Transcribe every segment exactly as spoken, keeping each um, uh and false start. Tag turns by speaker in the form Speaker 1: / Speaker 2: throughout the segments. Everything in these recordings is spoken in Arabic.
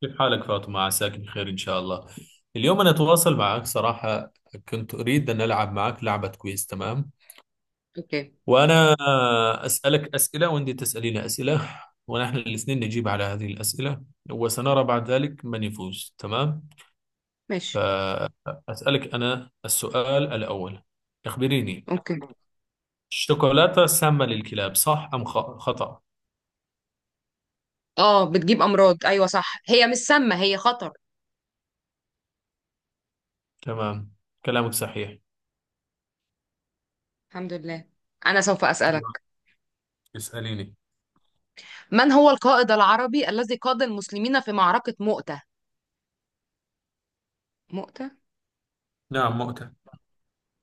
Speaker 1: كيف حالك فاطمة؟ عساك بخير إن شاء الله. اليوم أنا أتواصل معك صراحة، كنت أريد أن ألعب معك لعبة. كويس، تمام.
Speaker 2: اوكي.
Speaker 1: وأنا أسألك أسئلة وأنت تسألين أسئلة، ونحن الاثنين نجيب على هذه الأسئلة، وسنرى بعد ذلك من يفوز. تمام.
Speaker 2: ماشي.
Speaker 1: فأسألك أنا السؤال الأول، أخبريني،
Speaker 2: اوكي.
Speaker 1: الشوكولاتة سامة للكلاب، صح أم خ- خطأ؟
Speaker 2: اه، بتجيب امراض. ايوه صح، هي مش سامه، هي خطر.
Speaker 1: تمام، كلامك صحيح.
Speaker 2: الحمد لله. انا سوف اسالك،
Speaker 1: اسأليني.
Speaker 2: من هو القائد العربي الذي قاد المسلمين في معركه مؤتة؟ مؤتة.
Speaker 1: نعم، مؤتة.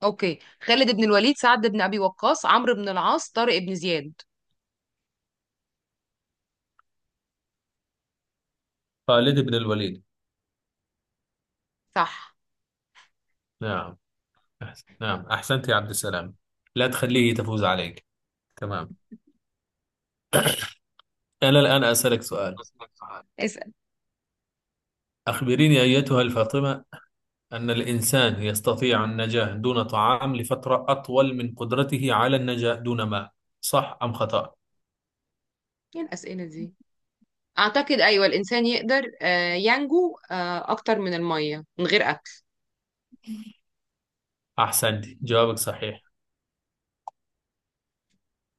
Speaker 2: اوكي، خالد بن الوليد، سعد بن ابي وقاص، عمرو بن العاص، طارق بن زياد.
Speaker 1: خالد بن الوليد.
Speaker 2: صح.
Speaker 1: نعم، أحسن. نعم، أحسنت يا عبد السلام، لا تخليه تفوز عليك. تمام، أنا الآن أسألك سؤال،
Speaker 2: اسال.
Speaker 1: أخبريني أيتها الفاطمة، أن الإنسان يستطيع النجاة دون طعام لفترة أطول من قدرته على النجاة دون ماء، صح أم خطأ؟
Speaker 2: ايه الاسئله دي؟ اعتقد ايوه، الانسان يقدر آه، ينجو آه، اكتر من الميه من غير اكل.
Speaker 1: أحسنت، جوابك صحيح.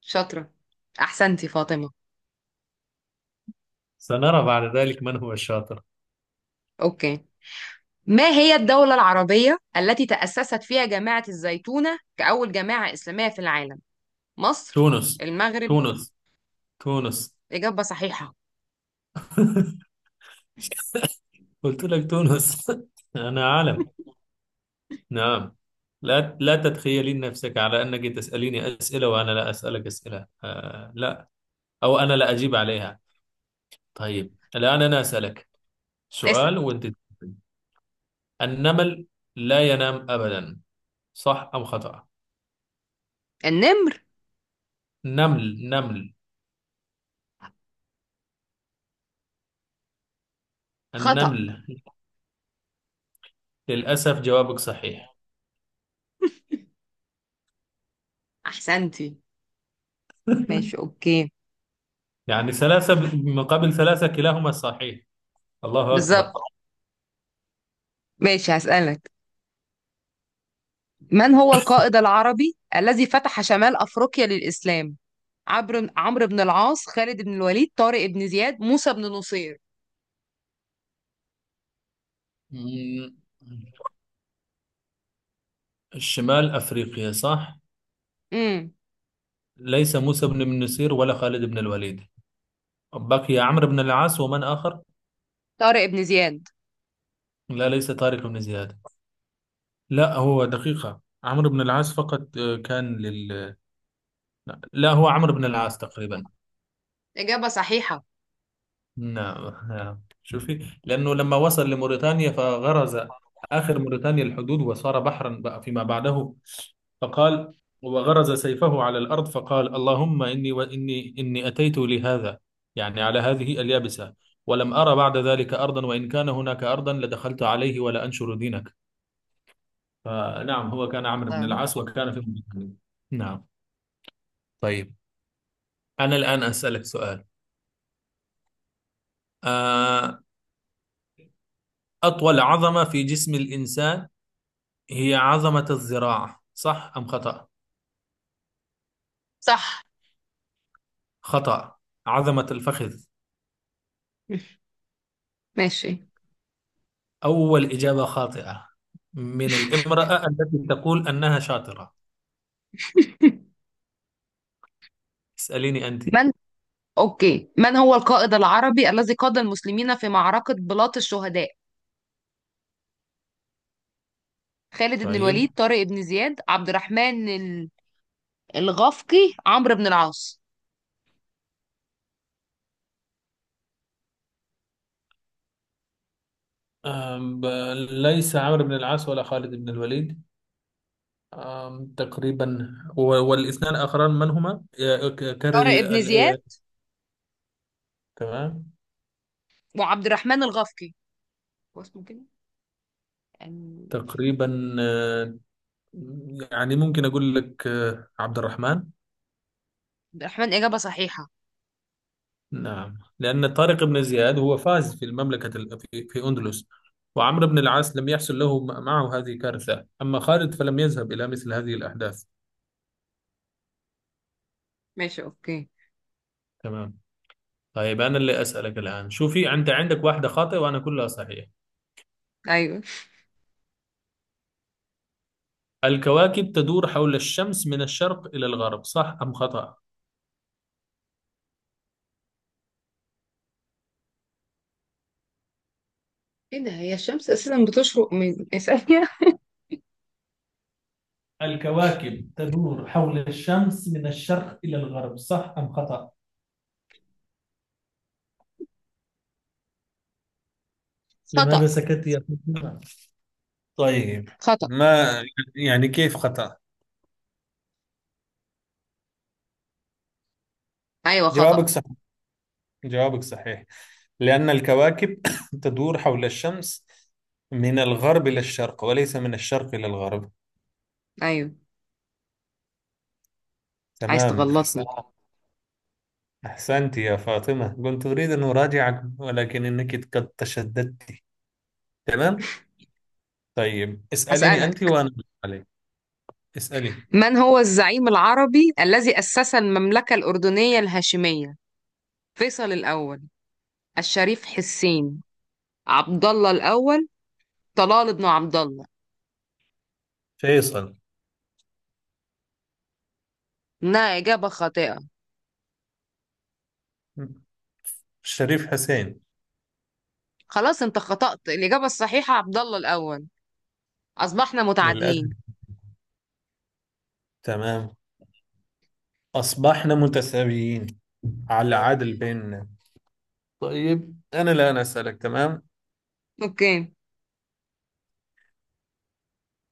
Speaker 2: شاطره. احسنتي فاطمه.
Speaker 1: سنرى بعد ذلك من هو الشاطر.
Speaker 2: اوكي، ما هي الدولة العربية التي تأسست فيها جامعة الزيتونة كأول جامعة إسلامية في العالم؟ مصر،
Speaker 1: تونس.
Speaker 2: المغرب،
Speaker 1: تونس. تونس.
Speaker 2: إجابة صحيحة.
Speaker 1: قلت لك تونس. أنا عالم. نعم. لا، لا تتخيلين نفسك على أنك تسأليني أسئلة وأنا لا أسألك أسئلة، آه لا، أو أنا لا أجيب عليها. طيب الآن أنا أسألك
Speaker 2: اسأل.
Speaker 1: سؤال وأنت تجيبين. النمل لا ينام أبدا، صح أم خطأ؟
Speaker 2: النمر.
Speaker 1: نمل نمل،
Speaker 2: خطأ.
Speaker 1: النمل. للأسف جوابك صحيح.
Speaker 2: أحسنتي. ماشي أوكي.
Speaker 1: يعني ثلاثة مقابل ثلاثة، كلاهما صحيح. الله أكبر.
Speaker 2: بالظبط. ماشي هسألك، من هو القائد العربي الذي فتح شمال أفريقيا للإسلام؟ عمرو عمرو بن العاص، خالد بن الوليد، طارق بن زياد، موسى بن نصير.
Speaker 1: مم، شمال أفريقيا، صح؟
Speaker 2: امم
Speaker 1: ليس موسى بن بن نصير ولا خالد بن الوليد. بقي عمرو بن العاص ومن آخر.
Speaker 2: طارق بن زياد.
Speaker 1: لا، ليس طارق بن زياد. لا، هو دقيقة، عمرو بن العاص فقط، آه، كان لل. لا، هو عمرو بن العاص تقريبا.
Speaker 2: إجابة صحيحة.
Speaker 1: نعم نعم، شوفي، لأنه لما وصل لموريتانيا فغرز، آخر موريتانيا الحدود وصار بحرا بقى فيما بعده. فقال، وغرز سيفه على الأرض فقال: اللهم إني، وإني إني أتيت لهذا، يعني على هذه اليابسة، ولم أرى بعد ذلك أرضا، وإن كان هناك أرضا لدخلت عليه ولا أنشر دينك. فنعم، هو كان عمرو بن العاص
Speaker 2: الله.
Speaker 1: وكان في مدينة. نعم. طيب أنا الآن أسألك سؤال، آه، أطول عظمة في جسم الإنسان هي عظمة الذراع، صح أم خطأ؟
Speaker 2: صح.
Speaker 1: خطأ، عظمة الفخذ.
Speaker 2: ماشي.
Speaker 1: أول إجابة خاطئة، من الامرأة التي تقول أنها شاطرة. اسأليني أنت.
Speaker 2: من أوكي، من هو القائد العربي الذي قاد المسلمين في معركة بلاط الشهداء؟ خالد بن
Speaker 1: طيب.
Speaker 2: الوليد، طارق بن زياد، عبد الرحمن ال- الغفقي، عمرو بن العاص.
Speaker 1: آم، ب- ليس عمرو بن العاص ولا خالد بن الوليد. آم، تقريبا، و- والاثنان الآخران من هما؟ آه، ك- كرر.
Speaker 2: طارق بن
Speaker 1: ال-
Speaker 2: زياد
Speaker 1: آه، تمام.
Speaker 2: وعبد الرحمن الغفقي، هو اسمه كده يعني.
Speaker 1: تقريبا، آه، يعني ممكن أقول لك آه، عبد الرحمن.
Speaker 2: عبد الرحمن. إجابة صحيحة.
Speaker 1: نعم، لأن طارق بن زياد هو فاز في المملكة ال- في في أندلس. وعمرو بن العاص لم يحصل له م- معه هذه كارثة، أما خالد فلم يذهب إلى مثل هذه الأحداث.
Speaker 2: ماشي أوكي.
Speaker 1: تمام. طيب أنا اللي أسألك الآن، شوفي أنت عندك واحدة خاطئة وأنا كلها صحيح.
Speaker 2: أيوه.
Speaker 1: الكواكب تدور حول الشمس من الشرق إلى الغرب، صح أم خطأ؟
Speaker 2: ايه ده؟ هي الشمس اساسا بتشرق من ثانية.
Speaker 1: الكواكب تدور حول الشمس من الشرق إلى الغرب، صح أم خطأ؟
Speaker 2: خطأ.
Speaker 1: لماذا سكت يا فاطمة؟ طيب،
Speaker 2: خطأ.
Speaker 1: ما، يعني كيف خطأ؟
Speaker 2: ايوه
Speaker 1: جوابك
Speaker 2: خطأ.
Speaker 1: صحيح، جوابك صحيح، لأن الكواكب تدور حول الشمس من الغرب إلى الشرق وليس من الشرق إلى الغرب.
Speaker 2: ايوه. عايز
Speaker 1: تمام، أحسن.
Speaker 2: تغلطني.
Speaker 1: أحسنت يا فاطمة، كنت أريد أن أراجعك ولكن إنك قد تشددت. تمام. طيب اسأليني أنت
Speaker 2: هسألك،
Speaker 1: وأنا أرد عليك. اسألي.
Speaker 2: من هو الزعيم العربي الذي أسس المملكة الأردنية الهاشمية؟ فيصل الأول، الشريف حسين، عبد الله الأول، طلال بن عبد الله.
Speaker 1: فيصل.
Speaker 2: إنها إجابة خاطئة.
Speaker 1: شريف حسين.
Speaker 2: خلاص، أنت خطأت. الإجابة الصحيحة عبد الله الأول. أصبحنا
Speaker 1: للأسف.
Speaker 2: متعادلين.
Speaker 1: تمام، أصبحنا متساويين، على العدل بيننا. طيب أنا الآن أسألك، تمام،
Speaker 2: أوكي.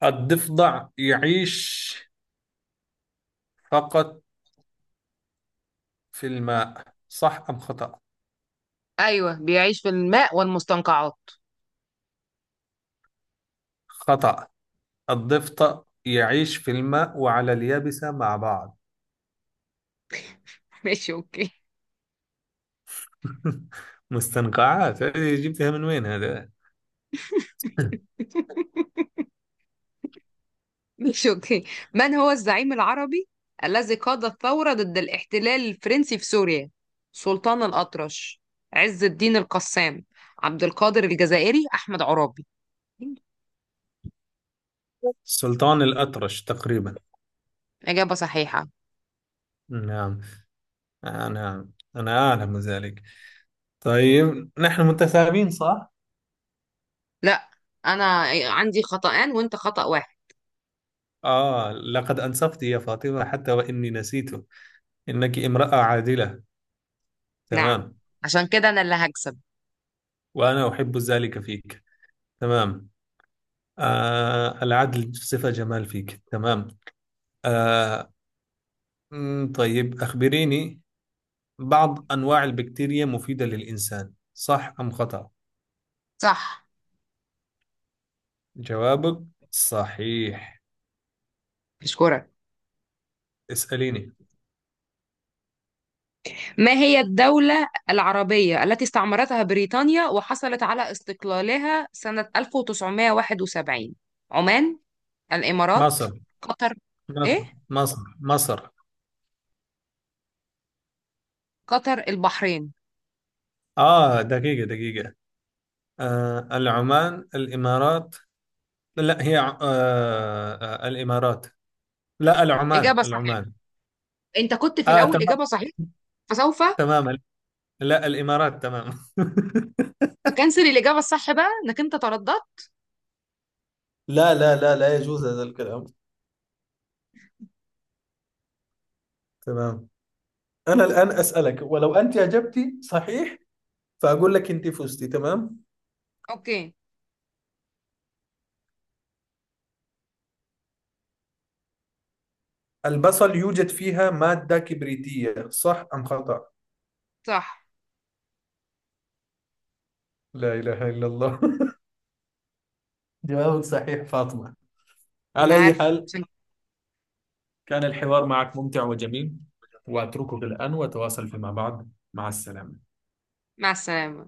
Speaker 1: الضفدع يعيش فقط في الماء، صح أم خطأ؟
Speaker 2: أيوه، بيعيش في الماء والمستنقعات.
Speaker 1: خطأ، الضفدع يعيش في الماء وعلى اليابسة مع بعض.
Speaker 2: ماشي أوكي.
Speaker 1: مستنقعات، هذه جبتها من وين هذا؟
Speaker 2: ماشي أوكي. من هو الزعيم العربي الذي قاد الثورة ضد الاحتلال الفرنسي في سوريا؟ سلطان الأطرش، عز الدين القسام، عبد القادر الجزائري، أحمد عرابي.
Speaker 1: سلطان الأطرش تقريبا.
Speaker 2: إجابة صحيحة.
Speaker 1: نعم، آه نعم، أنا أعلم ذلك. طيب نحن متساوين صح؟
Speaker 2: لا، انا عندي خطأان وانت خطأ واحد.
Speaker 1: آه لقد أنصفت يا فاطمة حتى وإني نسيت. إنك امرأة عادلة.
Speaker 2: نعم،
Speaker 1: تمام.
Speaker 2: عشان كده انا اللي هكسب.
Speaker 1: وأنا أحب ذلك فيك. تمام. آه، العدل صفة جمال فيك. تمام. آه مم، طيب أخبريني، بعض أنواع البكتيريا مفيدة للإنسان، صح أم خطأ؟
Speaker 2: صح.
Speaker 1: جوابك صحيح.
Speaker 2: اشكرك.
Speaker 1: اسأليني.
Speaker 2: ما هي الدولة العربية التي استعمرتها بريطانيا وحصلت على استقلالها سنة ألف وتسعمئة وواحد وسبعين؟ عمان، الامارات،
Speaker 1: مصر.
Speaker 2: قطر، ايه،
Speaker 1: مصر. مصر. مصر.
Speaker 2: قطر، البحرين.
Speaker 1: آه، دقيقة دقيقة. آه، العمان، الإمارات. لا، هي ع- آه آه، الإمارات. لا، العمان،
Speaker 2: اجابة صحيحة.
Speaker 1: العمان.
Speaker 2: انت كنت في
Speaker 1: آه،
Speaker 2: الاول
Speaker 1: تمام.
Speaker 2: اجابة صحيحة، فسوف
Speaker 1: تمام. لا، الإمارات. تمام.
Speaker 2: اكنسل الاجابة الصح بقى انك انت ترددت.
Speaker 1: لا لا لا لا، يجوز هذا الكلام. تمام، أنا الآن أسألك، ولو أنت أجبتي صحيح فأقول لك أنت فزتي. تمام.
Speaker 2: اوكي.
Speaker 1: البصل يوجد فيها مادة كبريتية، صح أم خطأ؟
Speaker 2: صح.
Speaker 1: لا إله إلا الله. جوابك صحيح فاطمة. على
Speaker 2: انا
Speaker 1: أي
Speaker 2: عارفه
Speaker 1: حال،
Speaker 2: عشان-.
Speaker 1: كان الحوار معك ممتع وجميل، وأتركك الآن، وتواصل فيما بعد. مع السلامة.
Speaker 2: مع السلامة.